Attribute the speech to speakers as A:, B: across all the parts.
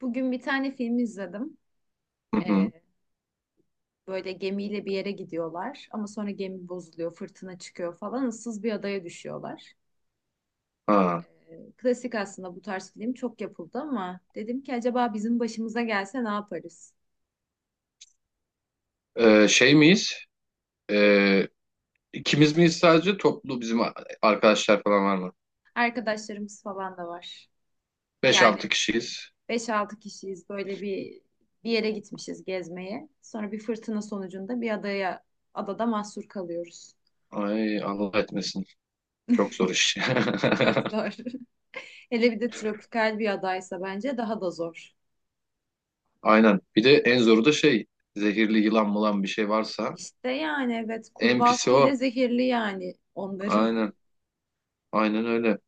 A: Bugün bir tane film izledim.
B: Hı hı.
A: Ee, Böyle gemiyle bir yere gidiyorlar ama sonra gemi bozuluyor, fırtına çıkıyor falan, ıssız bir adaya düşüyorlar.
B: Ha.
A: Klasik aslında, bu tarz film çok yapıldı ama dedim ki acaba bizim başımıza gelse ne yaparız?
B: Şey miyiz? Ee, ikimiz miyiz sadece toplu bizim arkadaşlar falan var mı?
A: Arkadaşlarımız falan da var.
B: Beş altı
A: Yani
B: kişiyiz.
A: beş altı kişiyiz, böyle bir yere gitmişiz gezmeye. Sonra bir fırtına sonucunda bir adada mahsur kalıyoruz.
B: Ay Allah etmesin. Çok zor iş.
A: Çok zor. Hele bir de tropikal bir adaysa bence daha da zor.
B: Aynen. Bir de en zoru da şey zehirli yılan mılan bir şey varsa
A: İşte yani evet,
B: en pisi
A: kurbağası bile
B: o.
A: zehirli yani onların.
B: Aynen. Aynen öyle.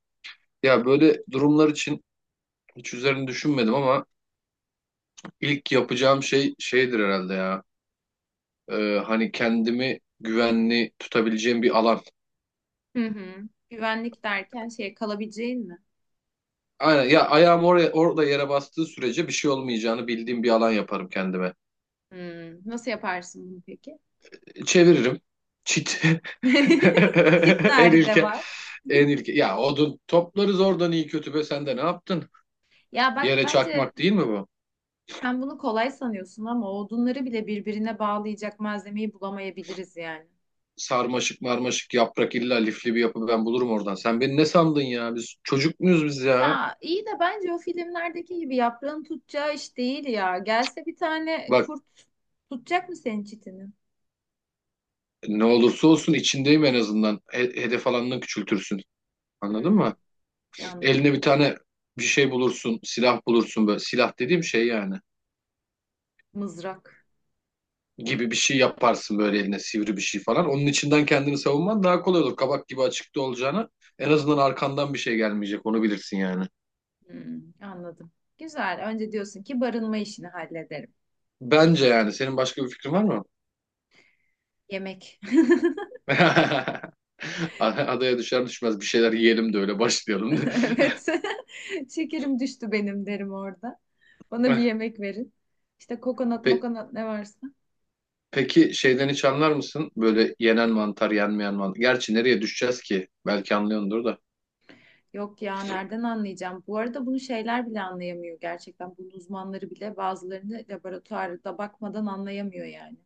B: Ya böyle durumlar için hiç üzerine düşünmedim ama ilk yapacağım şey şeydir herhalde ya. Hani kendimi güvenli tutabileceğim bir alan.
A: Hı hı. Güvenlik derken şey, kalabileceğin mi?
B: Aynen ya ayağım orada yere bastığı sürece bir şey olmayacağını bildiğim bir alan yaparım kendime.
A: Nasıl yaparsın bunu peki?
B: Çeviririm. Çit.
A: Çit
B: En
A: nerede
B: ilke,
A: var?
B: en ilke. Ya odun toplarız oradan iyi kötü be sen de ne yaptın?
A: Ya bak,
B: Yere
A: bence
B: çakmak değil mi bu?
A: sen bunu kolay sanıyorsun ama odunları bile birbirine bağlayacak malzemeyi bulamayabiliriz yani.
B: Sarmaşık marmaşık yaprak illa lifli bir yapı ben bulurum oradan. Sen beni ne sandın ya? Biz çocuk muyuz biz ya?
A: Ya iyi de bence o filmlerdeki gibi yaprağın tutacağı iş değil ya. Gelse bir tane
B: Bak
A: kurt, tutacak mı senin çitini?
B: ne olursa olsun içindeyim en azından. Hedef alanını küçültürsün. Anladın
A: Hmm.
B: mı? Eline
A: Anladım.
B: bir tane bir şey bulursun, silah bulursun böyle. Silah dediğim şey yani.
A: Mızrak.
B: Gibi bir şey yaparsın böyle eline sivri bir şey falan. Onun içinden kendini savunman daha kolay olur. Kabak gibi açıkta olacağına en azından arkandan bir şey gelmeyecek onu bilirsin yani.
A: Anladım. Güzel. Önce diyorsun ki barınma işini hallederim.
B: Bence yani senin başka bir fikrin var mı?
A: Yemek.
B: Adaya düşer düşmez bir şeyler yiyelim de öyle başlayalım.
A: Evet. Şekerim düştü benim derim orada. Bana bir yemek verin. İşte kokonat
B: Pe-
A: mokonat ne varsa.
B: Peki şeyden hiç anlar mısın? Böyle yenen mantar, yenmeyen mantar. Gerçi nereye düşeceğiz ki? Belki anlıyordur da.
A: Yok ya, nereden anlayacağım? Bu arada bunu şeyler bile anlayamıyor gerçekten. Bunun uzmanları bile bazılarını laboratuvarda bakmadan anlayamıyor yani.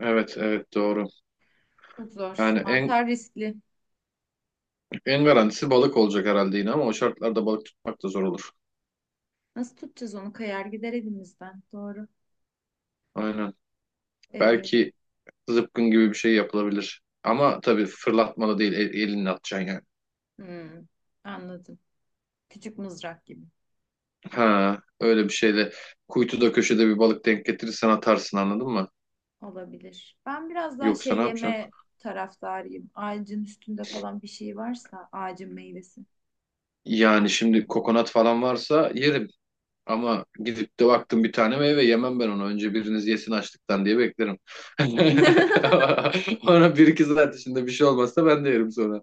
B: Evet, evet doğru.
A: Çok zor.
B: Yani en
A: Mantar riskli.
B: en garantisi balık olacak herhalde yine ama o şartlarda balık tutmak da zor olur.
A: Nasıl tutacağız onu? Kayar gider elimizden. Doğru.
B: Aynen.
A: Ee,
B: Belki zıpkın gibi bir şey yapılabilir. Ama tabii fırlatmalı değil, elinle atacaksın yani.
A: hmm, Anladım. Küçük mızrak gibi.
B: Ha, öyle bir şeyle kuytuda köşede bir balık denk getirirsen atarsın anladın mı?
A: Olabilir. Ben biraz daha
B: Yoksa
A: şey,
B: ne yapacaksın?
A: yeme taraftarıyım. Ağacın üstünde falan bir şey varsa, ağacın meyvesi.
B: Yani şimdi kokonat falan varsa yerim. Ama gidip de baktım bir tane meyve yemem ben onu. Önce biriniz yesin açlıktan diye beklerim. Ona bir iki saat içinde bir şey olmazsa ben de yerim sonra.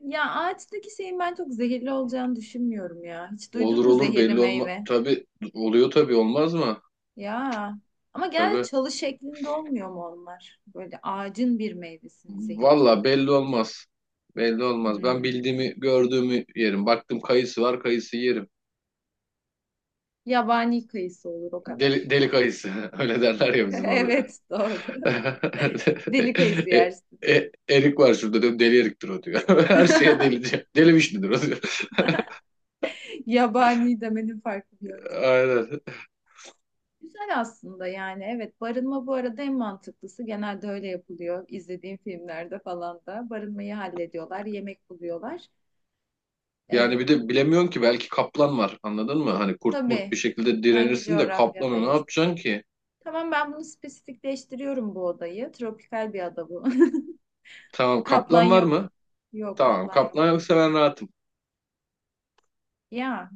A: Ya, ağaçtaki şeyin ben çok zehirli olacağını düşünmüyorum ya. Hiç
B: Olur
A: duydun mu
B: olur
A: zehirli
B: belli olma.
A: meyve?
B: Tabii oluyor tabii olmaz mı?
A: Ya. Ama genelde
B: Tabii.
A: çalı şeklinde olmuyor mu onlar? Böyle ağacın bir meyvesinin zehirli
B: Valla
A: olması.
B: belli olmaz. Belli olmaz. Ben
A: Hmm.
B: bildiğimi, gördüğümü yerim. Baktım kayısı var, kayısı yerim.
A: Yabani kayısı olur o
B: Deli,
A: kadar.
B: deli kayısı. Öyle derler ya bizim orada.
A: Evet, doğru. Deli kayısı
B: E,
A: yersin.
B: erik var şurada diyorum. Deli eriktir o diyor. Her şeye delice. Deli vişnidir o diyor.
A: Yabani demenin farklı bir yöntemi.
B: Aynen.
A: Güzel aslında, yani evet, barınma bu arada en mantıklısı, genelde öyle yapılıyor. İzlediğim filmlerde falan da barınmayı hallediyorlar, yemek buluyorlar.
B: Yani
A: Ee,
B: bir de bilemiyorsun ki belki kaplan var. Anladın mı? Hani kurt murt bir
A: tabii,
B: şekilde
A: hangi
B: direnirsin de kaplana ne
A: coğrafyadayız?
B: yapacaksın ki?
A: Tamam, ben bunu spesifikleştiriyorum bu odayı, tropikal bir ada bu.
B: Tamam
A: Kaplan
B: kaplan var
A: yok,
B: mı?
A: yok
B: Tamam
A: kaplan yok
B: kaplan yoksa ben rahatım.
A: ya.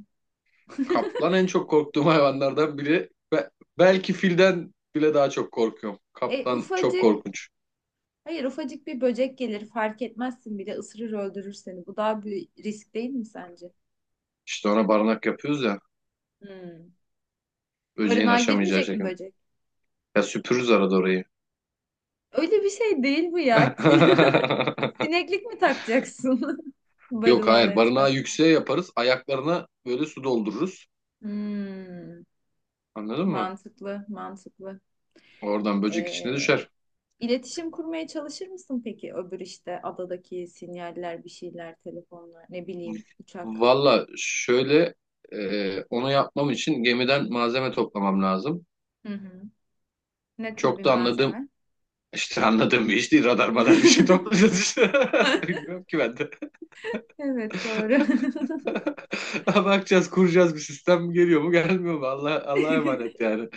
B: Kaplan en çok korktuğum hayvanlardan biri. Belki filden bile daha çok korkuyorum.
A: e,
B: Kaplan çok
A: ufacık
B: korkunç.
A: Hayır, ufacık bir böcek gelir, fark etmezsin bile, ısırır öldürür seni, bu daha bir risk değil mi sence?
B: İşte ona barınak yapıyoruz ya.
A: Hmm.
B: Böceğin
A: Barınağa
B: aşamayacağı
A: girmeyecek mi
B: şekilde.
A: böcek?
B: Ya süpürürüz arada orayı.
A: Öyle bir şey değil bu ya. Sineklik mi takacaksın
B: Yok
A: barınağın
B: hayır barınağı
A: etrafına?
B: yükseğe yaparız. Ayaklarına böyle su doldururuz.
A: Hmm,
B: Anladın mı?
A: Mantıklı, mantıklı.
B: Oradan böcek içine
A: Ee,
B: düşer.
A: iletişim kurmaya çalışır mısın peki öbür, işte adadaki sinyaller, bir şeyler, telefonlar, ne bileyim, uçak.
B: Valla şöyle onu yapmam için gemiden malzeme toplamam lazım.
A: Hı hı. Ne tür bir
B: Çok da anladığım
A: malzeme?
B: İşte anladığım bir iş değil. Radar madar bir şey toplayacağız işte. Bilmiyorum ki ben de.
A: Evet, doğru.
B: Bakacağız, kuracağız bir sistem geliyor mu gelmiyor mu? Allah, Allah'a emanet yani.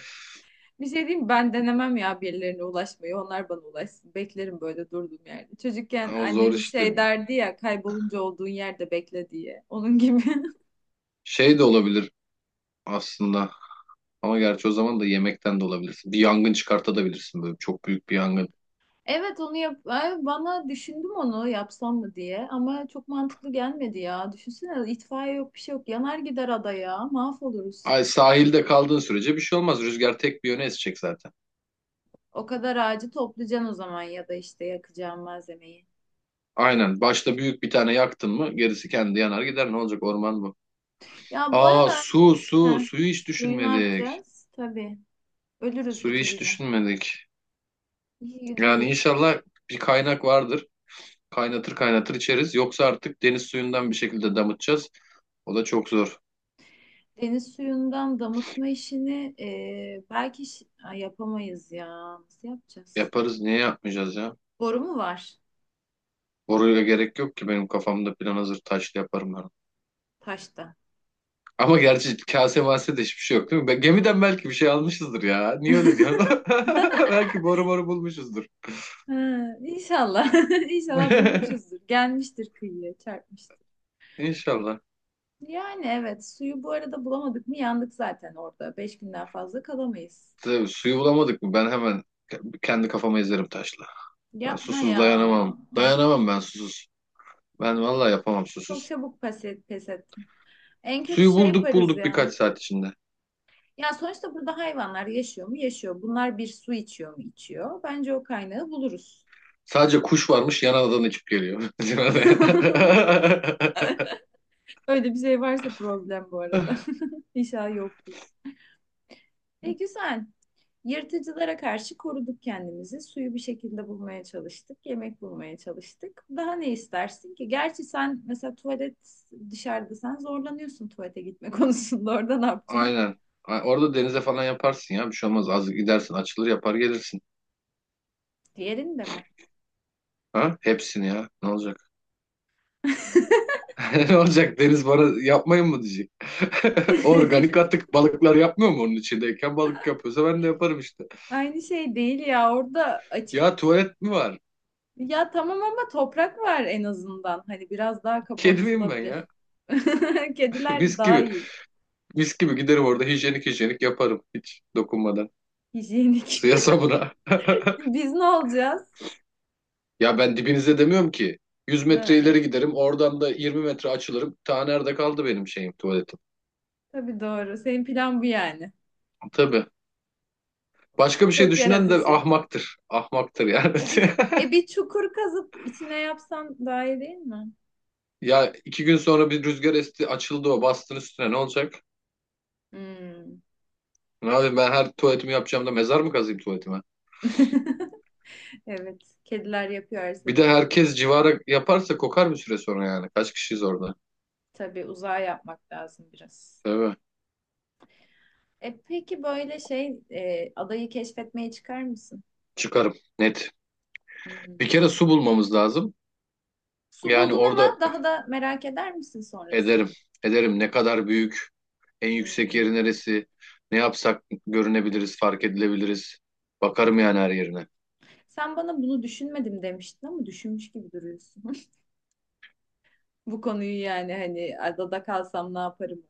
A: Bir şey diyeyim mi? Ben denemem ya birilerine ulaşmayı. Onlar bana ulaşsın. Beklerim böyle durduğum yerde. Çocukken
B: Ama zor
A: annemiz
B: işte.
A: şey derdi ya, kaybolunca olduğun yerde bekle diye. Onun gibi.
B: Şey de olabilir aslında. Ama gerçi o zaman da yemekten de olabilirsin. Bir yangın çıkartabilirsin böyle çok büyük bir yangın.
A: Evet, onu yap. Ay, bana düşündüm onu yapsam mı diye ama çok mantıklı gelmedi ya. Düşünsene, itfaiye yok, bir şey yok. Yanar gider adaya. Mahvoluruz.
B: Ay sahilde kaldığın sürece bir şey olmaz. Rüzgar tek bir yöne esecek zaten.
A: O kadar ağacı toplayacaksın o zaman, ya da işte yakacağın malzemeyi.
B: Aynen. Başta büyük bir tane yaktın mı gerisi kendi yanar gider. Ne olacak orman bu?
A: Ya bu
B: Aa
A: arada
B: su su.
A: heh,
B: Suyu hiç
A: suyu ne
B: düşünmedik.
A: yapacağız? Tabii, ölürüz
B: Suyu
A: iki
B: hiç
A: güne.
B: düşünmedik.
A: İki gün
B: Yani
A: ölürüz.
B: inşallah bir kaynak vardır. Kaynatır kaynatır içeriz. Yoksa artık deniz suyundan bir şekilde damıtacağız. O da çok zor.
A: Deniz suyundan damıtma işini, belki Ay, yapamayız ya. Nasıl yapacağız?
B: Yaparız. Niye yapmayacağız ya?
A: Boru mu var
B: Boruyla gerek yok ki. Benim kafamda plan hazır. Taşlı yaparım ben.
A: taşta?
B: Ama gerçi kase mase de hiçbir şey yok değil mi? Gemiden belki bir şey almışızdır ya. Niye öyle diyorsun? Belki boru boru bulmuşuzdur.
A: Ha, İnşallah. İnşallah bulmuşuzdur. Gelmiştir kıyıya, çarpmıştır.
B: İnşallah.
A: Yani evet, suyu bu arada bulamadık mı yandık zaten orada. 5 günden fazla kalamayız.
B: Tabii, suyu bulamadık mı? Ben hemen kendi kafama ezerim taşla. Ben
A: Yapma
B: susuz
A: ya.
B: dayanamam. Dayanamam ben susuz. Ben
A: Çok
B: vallahi yapamam
A: çok
B: susuz.
A: çabuk pes ettim. En kötü
B: Suyu
A: şey
B: bulduk
A: yaparız
B: bulduk
A: ya.
B: birkaç saat içinde.
A: Ya sonuçta, burada hayvanlar yaşıyor mu? Yaşıyor. Bunlar bir su içiyor mu? İçiyor. Bence o kaynağı buluruz.
B: Sadece kuş varmış yan adadan uçup geliyor. Bizim
A: Öyle bir şey varsa problem bu arada. İnşallah yoktur. E güzel. Yırtıcılara karşı koruduk kendimizi. Suyu bir şekilde bulmaya çalıştık. Yemek bulmaya çalıştık. Daha ne istersin ki? Gerçi sen mesela tuvalet, dışarıda sen zorlanıyorsun tuvalete gitme konusunda. Orada ne yapacaksın?
B: Aynen. Orada denize falan yaparsın ya. Bir şey olmaz. Az gidersin açılır yapar gelirsin.
A: Diğerinde mi?
B: Ha? Hepsini ya. Ne olacak? Ne olacak? Deniz bana yapmayın mı diyecek. Organik atık balıklar yapmıyor mu onun içindeyken? Balık yapıyorsa ben de yaparım işte.
A: Aynı şey değil ya. Orada açık.
B: Ya tuvalet mi var?
A: Ya tamam, ama toprak var en azından. Hani biraz daha
B: Kedi miyim ben
A: kapatılabilir.
B: ya?
A: Kediler
B: Mis
A: daha
B: gibi.
A: iyi.
B: Mis gibi giderim orada hijyenik hijyenik yaparım. Hiç dokunmadan.
A: Hijyenik.
B: Suya sabuna.
A: Biz ne olacağız?
B: Ya ben dibinize demiyorum ki. 100 metre
A: Ha,
B: ileri giderim. Oradan da 20 metre açılırım. Ta nerede kaldı benim şeyim tuvaletim.
A: tabii, doğru. Senin plan bu yani.
B: Tabii. Başka bir şey
A: Çok
B: düşünen de
A: yaratıcı.
B: ahmaktır. Ahmaktır yani.
A: E bir, e bir çukur kazıp içine yapsan daha iyi değil mi?
B: Ya 2 gün sonra bir rüzgar esti açıldı o bastın üstüne ne olacak?
A: Hmm.
B: Abi ben her tuvaletimi yapacağım da mezar mı kazayım tuvaletime?
A: Evet. Kediler yapıyor her
B: Bir de
A: seferinde.
B: herkes civara yaparsa kokar bir süre sonra yani. Kaç kişiyiz orada?
A: Tabii, uzağa yapmak lazım biraz.
B: Tabii.
A: E peki, böyle şey, adayı keşfetmeye çıkar mısın?
B: Çıkarım. Net. Bir
A: Hmm.
B: kere su bulmamız lazım.
A: Su
B: Yani
A: buldun ama
B: orada
A: daha da merak eder misin sonrası?
B: ederim. Ederim ne kadar büyük. En yüksek yeri
A: Hmm.
B: neresi? Ne yapsak görünebiliriz, fark edilebiliriz. Bakarım yani her yerine.
A: Sen bana bunu düşünmedim demiştin ama düşünmüş gibi duruyorsun. Bu konuyu yani, hani adada kalsam ne yaparım?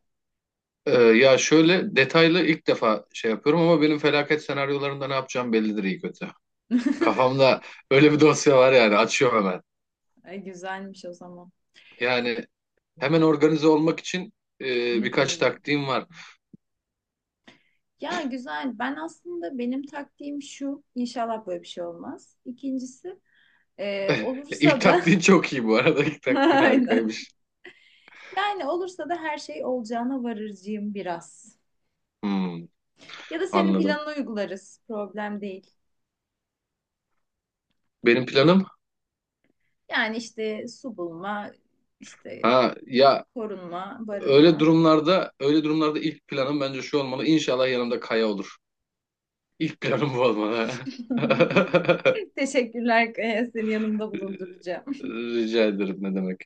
B: Ya şöyle detaylı ilk defa şey yapıyorum ama benim felaket senaryolarında ne yapacağım bellidir iyi kötü. Kafamda öyle bir dosya var yani açıyorum hemen.
A: Ay, güzelmiş o zaman.
B: Yani hemen organize olmak için e,
A: Hı
B: birkaç
A: hı.
B: taktiğim var.
A: Ya güzel. Ben aslında, benim taktiğim şu: İnşallah böyle bir şey olmaz. İkincisi,
B: İlk
A: olursa da
B: taktiğin çok iyi bu arada. İlk taktiğin
A: aynen.
B: harikaymış.
A: Yani olursa da her şey olacağına varırcıyım biraz.
B: Hmm,
A: Ya da senin
B: anladım.
A: planını uygularız. Problem değil.
B: Benim planım
A: Yani işte su bulma, işte
B: ha ya
A: korunma,
B: öyle
A: barınma.
B: durumlarda öyle durumlarda ilk planım bence şu olmalı. İnşallah yanımda Kaya olur. İlk planım bu olmalı.
A: Teşekkürler Kaya, seni yanımda bulunduracağım.
B: Rica ederim ne demek.